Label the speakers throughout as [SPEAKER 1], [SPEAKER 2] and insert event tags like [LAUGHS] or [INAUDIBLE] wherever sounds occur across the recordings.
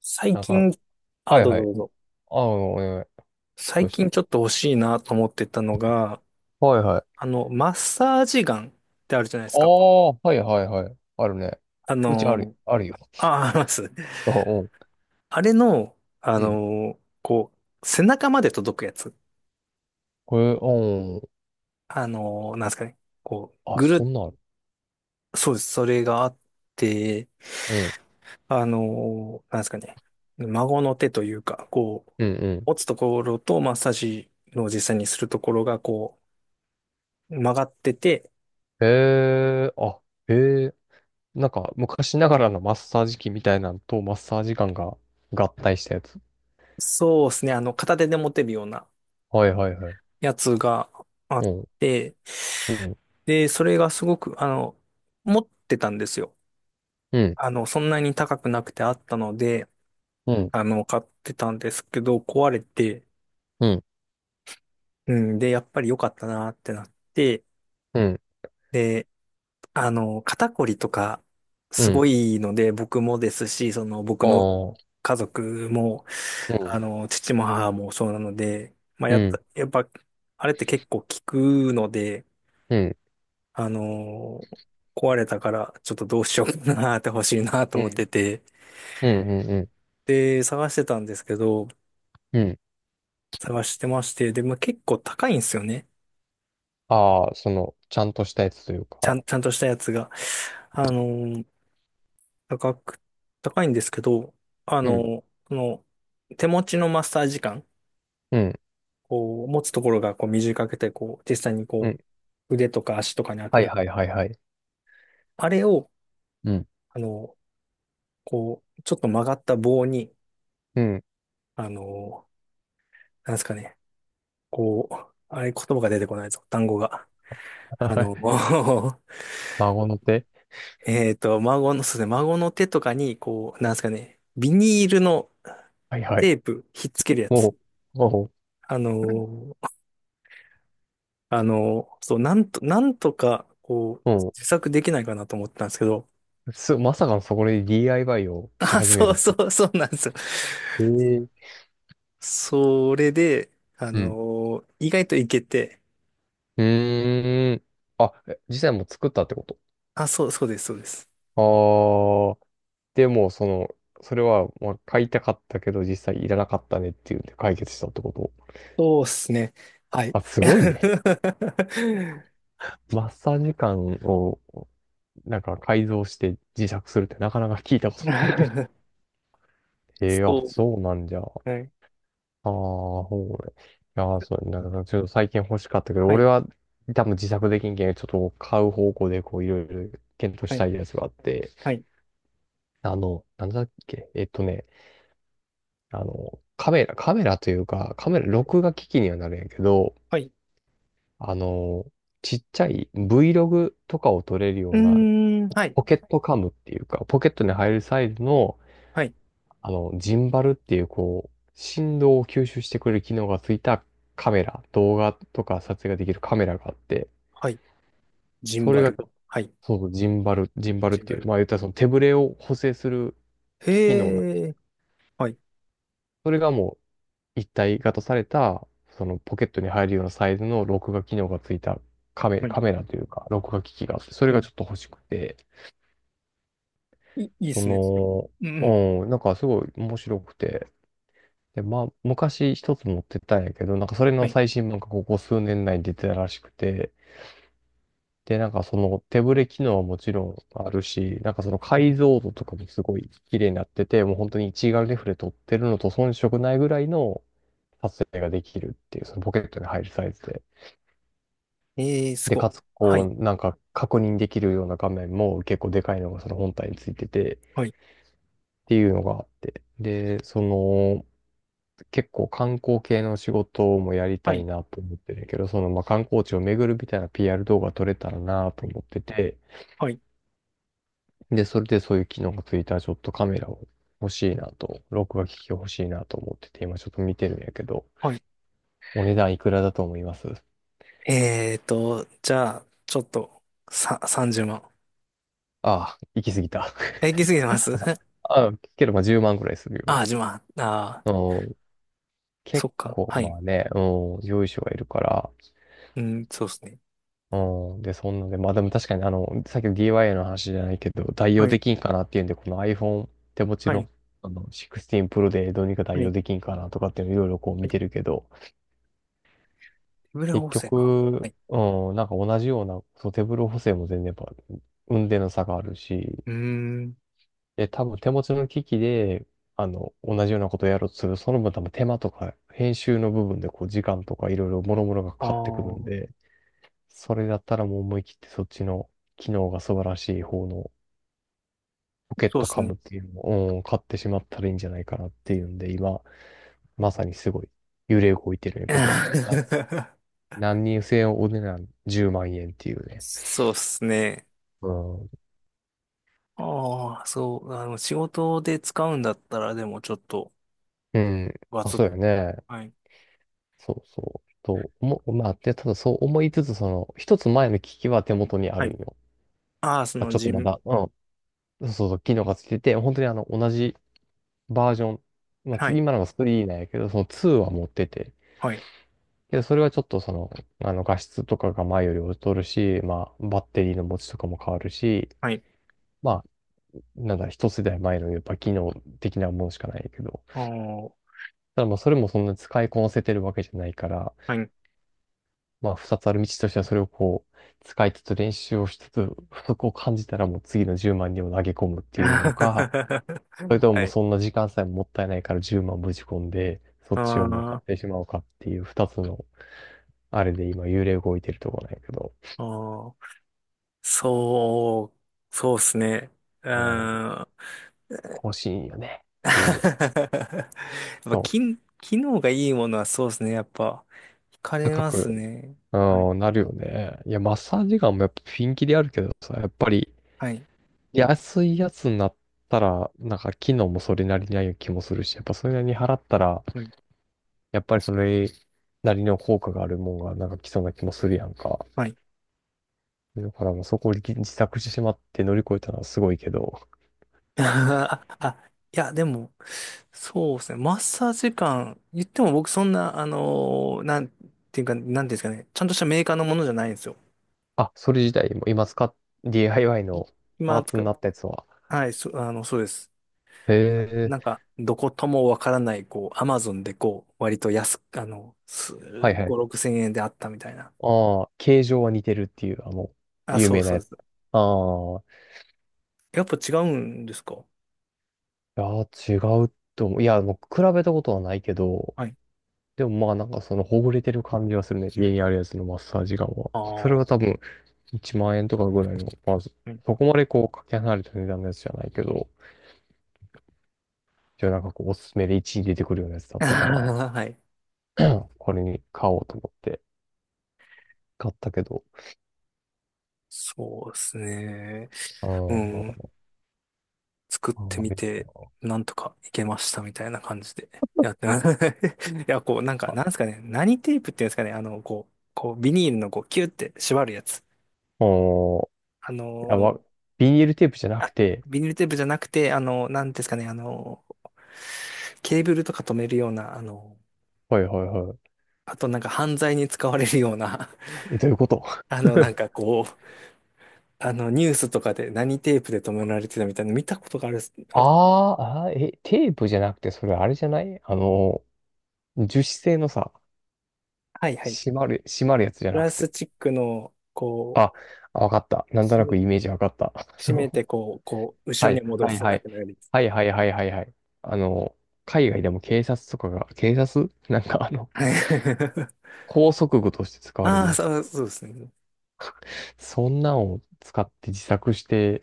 [SPEAKER 1] 最
[SPEAKER 2] なんか、
[SPEAKER 1] 近、
[SPEAKER 2] はい
[SPEAKER 1] どう
[SPEAKER 2] は
[SPEAKER 1] ぞ
[SPEAKER 2] い。
[SPEAKER 1] どうぞ。
[SPEAKER 2] あ、お願い。どう
[SPEAKER 1] 最
[SPEAKER 2] し
[SPEAKER 1] 近
[SPEAKER 2] た？
[SPEAKER 1] ちょっと欲しいなと思ってたのが、
[SPEAKER 2] はいはい。
[SPEAKER 1] マッサージガンってあるじゃないです
[SPEAKER 2] あ
[SPEAKER 1] か。
[SPEAKER 2] あ、はいはいはい。あるね。
[SPEAKER 1] あ
[SPEAKER 2] うちある、
[SPEAKER 1] の、
[SPEAKER 2] あるよ。
[SPEAKER 1] あ、あります。
[SPEAKER 2] あ、うん。
[SPEAKER 1] あれの、
[SPEAKER 2] うん。
[SPEAKER 1] こう、背中まで届くやつ。
[SPEAKER 2] これ、うん。
[SPEAKER 1] なんですかね。こう、
[SPEAKER 2] あ、
[SPEAKER 1] ぐ
[SPEAKER 2] そ
[SPEAKER 1] る
[SPEAKER 2] んなんある。
[SPEAKER 1] っ、そうです。それがあって、
[SPEAKER 2] うん。
[SPEAKER 1] なんですかね。孫の手というか、こう、
[SPEAKER 2] うんうん。
[SPEAKER 1] 持つところとマッサージの実際にするところが、こう、曲がってて、
[SPEAKER 2] へえ、あ、へえ。なんか、昔ながらのマッサージ機みたいなんとマッサージガンが合体したやつ。
[SPEAKER 1] そうですね。片手で持てるような
[SPEAKER 2] はいはいはい。
[SPEAKER 1] やつがあっ
[SPEAKER 2] うん。
[SPEAKER 1] て、
[SPEAKER 2] うん。
[SPEAKER 1] で、それがすごく、持ってたんですよ。
[SPEAKER 2] うん。
[SPEAKER 1] そんなに高くなくてあったので、
[SPEAKER 2] うん。
[SPEAKER 1] 買ってたんですけど、壊れて、
[SPEAKER 2] うん。
[SPEAKER 1] うん、で、やっぱり良かったなってなって、
[SPEAKER 2] うん。
[SPEAKER 1] で、肩こりとか、
[SPEAKER 2] う
[SPEAKER 1] すご
[SPEAKER 2] ん。
[SPEAKER 1] いので、僕もですし、その、僕の
[SPEAKER 2] ああ。
[SPEAKER 1] 家族も、
[SPEAKER 2] うん。
[SPEAKER 1] 父も母もそうなので、まあ、
[SPEAKER 2] う
[SPEAKER 1] やっぱ、
[SPEAKER 2] ん。
[SPEAKER 1] やっぱ、あれって結構効くので、
[SPEAKER 2] うん。
[SPEAKER 1] あのー壊れたから、ちょっとどうしようかなって欲しいなと
[SPEAKER 2] う
[SPEAKER 1] 思っ
[SPEAKER 2] ん。
[SPEAKER 1] てて、
[SPEAKER 2] うん。うん。
[SPEAKER 1] で、探してたんですけど、
[SPEAKER 2] うん。
[SPEAKER 1] 探してまして、で、まあ、結構高いんですよね。
[SPEAKER 2] ああ、その、ちゃんとしたやつというか、
[SPEAKER 1] ちゃんとしたやつが。あのー高く、高いんですけど、
[SPEAKER 2] うん、
[SPEAKER 1] この、手持ちのマッサージ感、
[SPEAKER 2] うん、
[SPEAKER 1] こう、持つところがこう短くて、こう、実際に
[SPEAKER 2] う
[SPEAKER 1] こ
[SPEAKER 2] ん。
[SPEAKER 1] う、腕とか足とかに当
[SPEAKER 2] は
[SPEAKER 1] て
[SPEAKER 2] い
[SPEAKER 1] る。
[SPEAKER 2] はいはいはい。
[SPEAKER 1] あれを、
[SPEAKER 2] うん、
[SPEAKER 1] あのーこう、ちょっと曲がった棒に、
[SPEAKER 2] うん。
[SPEAKER 1] あのなんですかね、こう、あれ言葉が出てこないぞ、単語が。
[SPEAKER 2] [LAUGHS]
[SPEAKER 1] あ
[SPEAKER 2] は
[SPEAKER 1] の、
[SPEAKER 2] い。
[SPEAKER 1] [LAUGHS]
[SPEAKER 2] 孫の手。
[SPEAKER 1] えっと、そうですね、孫の手とかに、こう、なんですかね、ビニールの
[SPEAKER 2] はいはい。
[SPEAKER 1] テープ、ひっつけるや
[SPEAKER 2] も
[SPEAKER 1] つ。
[SPEAKER 2] う、も
[SPEAKER 1] あの、そう、なんとか、こう、
[SPEAKER 2] う、も
[SPEAKER 1] 自作できないかなと思ったんですけど、
[SPEAKER 2] う、す、まさかのそこで DIY を
[SPEAKER 1] [LAUGHS]
[SPEAKER 2] し
[SPEAKER 1] あ、
[SPEAKER 2] 始め
[SPEAKER 1] そ
[SPEAKER 2] る
[SPEAKER 1] う
[SPEAKER 2] っ
[SPEAKER 1] そ
[SPEAKER 2] てい
[SPEAKER 1] うそうなんですよ。
[SPEAKER 2] う。ええ。
[SPEAKER 1] それで、
[SPEAKER 2] うん。
[SPEAKER 1] 意外といけて、
[SPEAKER 2] うーん。あ、え、実際もう作ったってこと？
[SPEAKER 1] あ、そうです、そうです。
[SPEAKER 2] ああ、でも、その、それは、まあ、買いたかったけど、実際いらなかったねっていうんで解決したってこと？
[SPEAKER 1] そうですね。はい。
[SPEAKER 2] あ、すごいね。
[SPEAKER 1] [LAUGHS]
[SPEAKER 2] マッサージ感を、なんか改造して自作するってなかなか聞いたことないけど。ええ、あ、
[SPEAKER 1] そ
[SPEAKER 2] そうなんじゃ。
[SPEAKER 1] うはい、
[SPEAKER 2] ああ、ほうね。いやー、そう、なんかちょっと最近欲しかったけど、
[SPEAKER 1] は
[SPEAKER 2] 俺
[SPEAKER 1] い、
[SPEAKER 2] は多分自作できんけん、ちょっと買う方向でこういろいろ検討し
[SPEAKER 1] はい、
[SPEAKER 2] たいやつがあって、
[SPEAKER 1] はい、
[SPEAKER 2] あの、なんだっけ、えっとね、あの、カメラ、カメラというか、カメラ、録画機器にはなるんやけど、
[SPEAKER 1] はい。
[SPEAKER 2] あの、ちっちゃい Vlog とかを撮れるよ
[SPEAKER 1] う
[SPEAKER 2] うな
[SPEAKER 1] ーん、はい、
[SPEAKER 2] ポケットカムっていうか、ポケットに入るサイズの、
[SPEAKER 1] はい、
[SPEAKER 2] ジンバルっていう、こう、振動を吸収してくれる機能がついたカメラ、動画とか撮影ができるカメラがあって、
[SPEAKER 1] はい。ジン
[SPEAKER 2] それ
[SPEAKER 1] バ
[SPEAKER 2] が、
[SPEAKER 1] ル。はい、
[SPEAKER 2] そうそう、ジンバル、ジンバルっ
[SPEAKER 1] ジン
[SPEAKER 2] て
[SPEAKER 1] バ
[SPEAKER 2] いう、
[SPEAKER 1] ル。
[SPEAKER 2] まあ言ったらその手ぶれを補正する機能な。
[SPEAKER 1] へえ、はい、
[SPEAKER 2] それがもう一体型された、そのポケットに入るようなサイズの録画機能がついた
[SPEAKER 1] はい。
[SPEAKER 2] カメラというか、録画機器があって、それ
[SPEAKER 1] う
[SPEAKER 2] が
[SPEAKER 1] ん、
[SPEAKER 2] ちょっと欲しくて、
[SPEAKER 1] いっ
[SPEAKER 2] そ
[SPEAKER 1] すね、それは。うん、うん。
[SPEAKER 2] の、うん、なんかすごい面白くて、で、まあ、昔一つ持ってたんやけど、なんかそれ
[SPEAKER 1] は
[SPEAKER 2] の
[SPEAKER 1] い。
[SPEAKER 2] 最新版がここ数年内に出てたらしくて、で、なんかその手ブレ機能はもちろんあるし、なんかその解像度とかもすごい綺麗になってて、もう本当に一眼レフで撮ってるのと遜色ないぐらいの撮影ができるっていう、そのポケットに入るサイズで。
[SPEAKER 1] えー、す
[SPEAKER 2] で、
[SPEAKER 1] ごい。
[SPEAKER 2] かつ、
[SPEAKER 1] は
[SPEAKER 2] こ
[SPEAKER 1] い、
[SPEAKER 2] う、なんか確認できるような画面も結構でかいのがその本体についてて、っ
[SPEAKER 1] はい、
[SPEAKER 2] ていうのがあって。で、その、結構観光系の仕事もやり
[SPEAKER 1] は
[SPEAKER 2] たい
[SPEAKER 1] い、
[SPEAKER 2] なと思ってるんやけど、そのまあ観光地を巡るみたいな PR 動画撮れたらなと思ってて、
[SPEAKER 1] はい、
[SPEAKER 2] で、それでそういう機能がついたらちょっとカメラを欲しいなと、録画機器が欲しいなと思ってて、今ちょっと見てるんやけど、
[SPEAKER 1] はい。
[SPEAKER 2] お値段いくらだと思います？
[SPEAKER 1] えーと、じゃあ、ちょっと、さ、30万。
[SPEAKER 2] ああ、行き過ぎた。
[SPEAKER 1] え、
[SPEAKER 2] [LAUGHS]
[SPEAKER 1] 行き過ぎてます。 [LAUGHS]
[SPEAKER 2] ああ、けどまあ10万くらいする
[SPEAKER 1] あー、10万。あー、
[SPEAKER 2] よ。うん、
[SPEAKER 1] そ
[SPEAKER 2] 結
[SPEAKER 1] っか。
[SPEAKER 2] 構
[SPEAKER 1] は
[SPEAKER 2] ま
[SPEAKER 1] い。
[SPEAKER 2] あね、うん、用意書がいるから、
[SPEAKER 1] うん、そうですね。
[SPEAKER 2] うん。で、そんなんで、まあでも確かにさっきの DIY の話じゃないけど、代用
[SPEAKER 1] はい、
[SPEAKER 2] できんかなっていうんで、この iPhone 手持ち
[SPEAKER 1] はい、
[SPEAKER 2] の、16 Pro でどうにか
[SPEAKER 1] は
[SPEAKER 2] 代
[SPEAKER 1] い、は
[SPEAKER 2] 用で
[SPEAKER 1] い。
[SPEAKER 2] きんかなとかっていうのいろいろこう見てるけど、
[SPEAKER 1] 手ぶら
[SPEAKER 2] 結
[SPEAKER 1] 補正か。は
[SPEAKER 2] 局、
[SPEAKER 1] い。
[SPEAKER 2] うん、なんか同じような、そう、手ブロ補正も全然やっぱ、運転の差があるし、
[SPEAKER 1] うーん、
[SPEAKER 2] で、多分手持ちの機器で、同じようなことをやろうとする、その分多分手間とか、編集の部分でこう、時間とかいろいろ諸々がか
[SPEAKER 1] あ
[SPEAKER 2] かってくるん
[SPEAKER 1] ー、
[SPEAKER 2] で、それだったらもう思い切ってそっちの機能が素晴らしい方のポケッ
[SPEAKER 1] そう
[SPEAKER 2] ト
[SPEAKER 1] です
[SPEAKER 2] カム
[SPEAKER 1] ね。
[SPEAKER 2] っていうのを、うん、買ってしまったらいいんじゃないかなっていうんで、今、まさにすごい揺れ動いてるんやけど、な、
[SPEAKER 1] [LAUGHS]
[SPEAKER 2] 何人制お値段10万円っていうね。
[SPEAKER 1] そうっすね。
[SPEAKER 2] うん。
[SPEAKER 1] ああ、そう、あの、仕事で使うんだったら、でもちょっと、
[SPEAKER 2] うん。
[SPEAKER 1] ガ
[SPEAKER 2] あ、
[SPEAKER 1] ツッ、
[SPEAKER 2] そうやね。
[SPEAKER 1] はい、
[SPEAKER 2] そうそう。と、思う、まあ、で、ただそう思いつつ、その、一つ前の機器は手元にあ
[SPEAKER 1] は
[SPEAKER 2] る
[SPEAKER 1] い。
[SPEAKER 2] んよ。
[SPEAKER 1] ああ、そ
[SPEAKER 2] まあ、
[SPEAKER 1] の、
[SPEAKER 2] ちょっ
[SPEAKER 1] じ
[SPEAKER 2] とま
[SPEAKER 1] ん、
[SPEAKER 2] だ、うん。そうそうそう、機能がついてて、本当に同じバージョン。まあ、
[SPEAKER 1] は
[SPEAKER 2] 次
[SPEAKER 1] い、
[SPEAKER 2] 今のが3なんやけど、その2は持ってて、
[SPEAKER 1] はい、
[SPEAKER 2] けど、それはちょっとその、画質とかが前より劣るし、まあ、バッテリーの持ちとかも変わるし、
[SPEAKER 1] はい、
[SPEAKER 2] まあ、なんだ、一世代前のやっぱ機能的なものしかないけど、
[SPEAKER 1] ああ、
[SPEAKER 2] ただまあ、それもそんな使いこなせてるわけじゃないから、
[SPEAKER 1] はい。
[SPEAKER 2] まあ、二つある道としてはそれをこう、使いつつ練習をしつつ、不足を感じたらもう次の10万にも投げ込むっていうのか、それ
[SPEAKER 1] [LAUGHS]
[SPEAKER 2] とも
[SPEAKER 1] は
[SPEAKER 2] もう
[SPEAKER 1] い。
[SPEAKER 2] そんな時間さえもったいないから10万ぶち込んで、
[SPEAKER 1] [LAUGHS]
[SPEAKER 2] そっち
[SPEAKER 1] あ
[SPEAKER 2] をもう買って
[SPEAKER 1] あ、
[SPEAKER 2] しまおうかっていう二つの、あれで今幽霊動いてるとこなんやけど、
[SPEAKER 1] ああ、そう、そうっすね。うん。[LAUGHS]
[SPEAKER 2] 欲しいんよね。っ
[SPEAKER 1] や
[SPEAKER 2] ていう。
[SPEAKER 1] っぱ、
[SPEAKER 2] そう。
[SPEAKER 1] き、機能がいいものはそうっすね。やっぱ、惹かれ
[SPEAKER 2] 高
[SPEAKER 1] ます
[SPEAKER 2] く、
[SPEAKER 1] ね。はい、
[SPEAKER 2] うん、なるよね。いや、マッサージガンもやっぱピンキリあるけどさ、やっぱり
[SPEAKER 1] はい、
[SPEAKER 2] 安いやつになったら、なんか機能もそれなりにある気もするし、やっぱそれなりに払ったら、
[SPEAKER 1] はい。
[SPEAKER 2] やっぱりそれなりの効果があるもんがなんか来そうな気もするやんか。
[SPEAKER 1] はい。
[SPEAKER 2] だからもうそこを自作してしまって乗り越えたのはすごいけど、
[SPEAKER 1] [LAUGHS] あ、あいや、でも、そうですね。マッサージ感、言っても僕そんな、なんていうか、なんていうんですかね。ちゃんとしたメーカーのものじゃないんですよ。
[SPEAKER 2] あ、それ自体も今使っ、DIY
[SPEAKER 1] い
[SPEAKER 2] のパー
[SPEAKER 1] 今
[SPEAKER 2] ツ
[SPEAKER 1] 使
[SPEAKER 2] に
[SPEAKER 1] っ、
[SPEAKER 2] なったやつは、
[SPEAKER 1] はい、そ、そうです。
[SPEAKER 2] へえ、
[SPEAKER 1] なんか、どこともわからない、こう、アマゾンでこう、割と安く、す
[SPEAKER 2] はいは
[SPEAKER 1] 5、
[SPEAKER 2] い、
[SPEAKER 1] 6千円であったみたいな。
[SPEAKER 2] ああ、形状は似てるっていう、
[SPEAKER 1] あ、
[SPEAKER 2] 有
[SPEAKER 1] そう
[SPEAKER 2] 名な
[SPEAKER 1] そう
[SPEAKER 2] や
[SPEAKER 1] で
[SPEAKER 2] つ。
[SPEAKER 1] す。
[SPEAKER 2] ああ、
[SPEAKER 1] やっぱ違うんですか。
[SPEAKER 2] いやー、違うと思う。いや、もう比べたことはないけど、
[SPEAKER 1] はい。
[SPEAKER 2] でもまあなんかそのほぐれてる感じはするね。家にあるやつのマッサージガンは。
[SPEAKER 1] あ
[SPEAKER 2] それ
[SPEAKER 1] あ、
[SPEAKER 2] は多分1万円とかぐらいの、まず、
[SPEAKER 1] うん。
[SPEAKER 2] そこまでこうかけ離れた値段のやつじゃないけど、じゃあなんかこうおすすめで1位に出てくるようなやつだっ
[SPEAKER 1] [LAUGHS]
[SPEAKER 2] たから、
[SPEAKER 1] はい。
[SPEAKER 2] これに買おうと思って買ったけど、
[SPEAKER 1] そうですね。
[SPEAKER 2] あ
[SPEAKER 1] うん。
[SPEAKER 2] ー
[SPEAKER 1] 作っ
[SPEAKER 2] あ
[SPEAKER 1] て
[SPEAKER 2] ー、あ
[SPEAKER 1] み
[SPEAKER 2] れだ
[SPEAKER 1] て、
[SPEAKER 2] な。
[SPEAKER 1] なんとかいけましたみたいな感じでやってます。[LAUGHS] いや、こう、なんか、
[SPEAKER 2] あ、
[SPEAKER 1] なんですかね、何テープっていうんですかね、こう、こう、ビニールのこう、キュって縛るやつ。
[SPEAKER 2] おー、い
[SPEAKER 1] あの
[SPEAKER 2] や、わ、
[SPEAKER 1] ー、
[SPEAKER 2] ビニールテープじゃなく
[SPEAKER 1] あ、
[SPEAKER 2] て、
[SPEAKER 1] ビニールテープじゃなくて、なんですかね、ケーブルとか止めるような、
[SPEAKER 2] はいはいはい。
[SPEAKER 1] あとなんか犯罪に使われるような、[LAUGHS]
[SPEAKER 2] え、どういうこと？ [LAUGHS]
[SPEAKER 1] なんかこう、ニュースとかで何テープで止められてたみたいなの見たことがある、ある、
[SPEAKER 2] あーあー、え、テープじゃなくて、それあれじゃない、樹脂製のさ、
[SPEAKER 1] はいはい。
[SPEAKER 2] 閉まる、閉まるやつじゃ
[SPEAKER 1] プ
[SPEAKER 2] な
[SPEAKER 1] ラ
[SPEAKER 2] く
[SPEAKER 1] ス
[SPEAKER 2] て。
[SPEAKER 1] チックの、こ
[SPEAKER 2] あ、
[SPEAKER 1] う、
[SPEAKER 2] あ、わかった。なんとなくイメージわかった。[LAUGHS]
[SPEAKER 1] 閉めて、こう、こう、後
[SPEAKER 2] は
[SPEAKER 1] ろに
[SPEAKER 2] い、
[SPEAKER 1] 戻る
[SPEAKER 2] はい、は
[SPEAKER 1] だ
[SPEAKER 2] い。
[SPEAKER 1] けのようです。
[SPEAKER 2] はいはいはいはいはい。あの、海外でも警察とかが、警察 [LAUGHS] なんか
[SPEAKER 1] はい。[LAUGHS]
[SPEAKER 2] 拘束具として使われ
[SPEAKER 1] あ
[SPEAKER 2] る
[SPEAKER 1] あ、
[SPEAKER 2] やつ。
[SPEAKER 1] そう、そうですね。
[SPEAKER 2] そんなんを使って自作して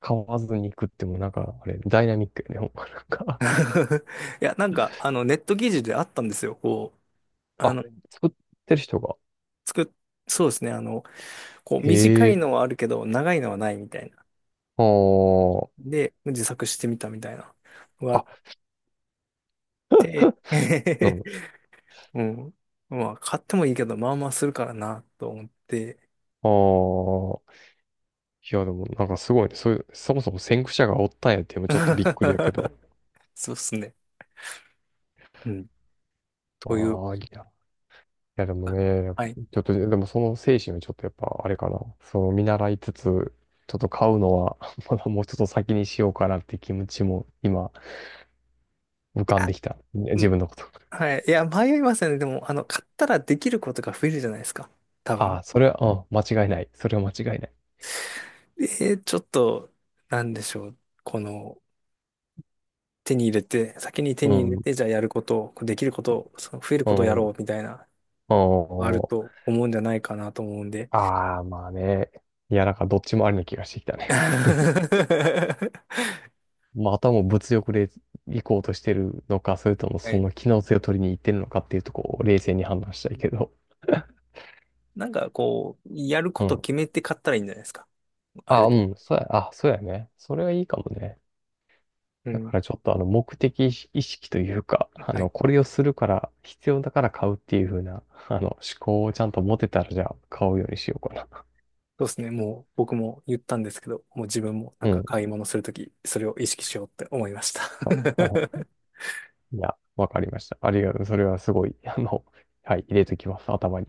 [SPEAKER 2] 買わずに行くってもなんか、あれ、ダイナミックよね。ほんまなんか。
[SPEAKER 1] [LAUGHS] いや、なんか、ネット記事であったんですよ。こう、あ
[SPEAKER 2] あ、
[SPEAKER 1] の、
[SPEAKER 2] 作ってる人が。
[SPEAKER 1] 作っ、そうですね。こう、短い
[SPEAKER 2] ええ、
[SPEAKER 1] のはあるけど、長いのはないみたいな。
[SPEAKER 2] あー、
[SPEAKER 1] で、自作してみたみたいなのがあ
[SPEAKER 2] あ、
[SPEAKER 1] って、
[SPEAKER 2] [LAUGHS] なる
[SPEAKER 1] [LAUGHS] うん。まあ、買ってもいいけど、まあまあするからな、と思って。
[SPEAKER 2] ほ、ああ、いやでもなんかすごいね。そういう、そもそも先駆者がおったんやっていうのもちょっとびっくりやけど。
[SPEAKER 1] [LAUGHS] そうですね。うん。という。
[SPEAKER 2] まあ、いいや。いやでもね、
[SPEAKER 1] はい。い
[SPEAKER 2] ちょっと、でもその精神はちょっとやっぱあれかな。その見習いつつ、ちょっと買うのは [LAUGHS] まだもうちょっと先にしようかなって気持ちも今浮かん
[SPEAKER 1] や
[SPEAKER 2] できた。ね、自分のこと。
[SPEAKER 1] はい。いや、迷いますよね。でも、買ったらできることが増えるじゃないですか。多
[SPEAKER 2] あ
[SPEAKER 1] 分。
[SPEAKER 2] あ、それは、うん、間違いない。それは間違いない。
[SPEAKER 1] えー、ちょっと、なんでしょう。この、手に入れて、先に手
[SPEAKER 2] う
[SPEAKER 1] に入れ
[SPEAKER 2] ん、
[SPEAKER 1] て、じゃあやることを、その増える
[SPEAKER 2] う
[SPEAKER 1] ことをや
[SPEAKER 2] ん、うん。
[SPEAKER 1] ろうみたいな、あると思うんじゃないかなと思うんで。
[SPEAKER 2] ああ、まあね。いや、なんかどっちもありな気がしてきたね。
[SPEAKER 1] [LAUGHS]
[SPEAKER 2] [LAUGHS] とりあえず
[SPEAKER 1] は
[SPEAKER 2] まあ、あとはもう物欲で行こうとしてるのか、それともその
[SPEAKER 1] い。
[SPEAKER 2] 機能性を取りに行ってるのかっていうとこを冷静に判断したいけど。[LAUGHS]
[SPEAKER 1] なんか、こう、やるこ
[SPEAKER 2] う
[SPEAKER 1] と
[SPEAKER 2] ん。
[SPEAKER 1] 決めて買ったらいいんじゃないですか。あ
[SPEAKER 2] あ、
[SPEAKER 1] れ
[SPEAKER 2] う
[SPEAKER 1] で。
[SPEAKER 2] ん。そうや、あ、そうやね。それはいいかもね。
[SPEAKER 1] う
[SPEAKER 2] だか
[SPEAKER 1] ん。
[SPEAKER 2] らちょっと目的意識というか、
[SPEAKER 1] はい。
[SPEAKER 2] これをするから、必要だから買うっていう風な、思考をちゃんと持てたら、じゃあ買うようにしようかな。
[SPEAKER 1] そうですね。もう僕も言ったんですけど、もう自分もな
[SPEAKER 2] う
[SPEAKER 1] んか
[SPEAKER 2] ん。
[SPEAKER 1] 買い物するとき、それを意識しようって思いました。
[SPEAKER 2] あ、
[SPEAKER 1] [LAUGHS]
[SPEAKER 2] いや、わかりました。ありがとう。それはすごい、はい、入れときます、頭に。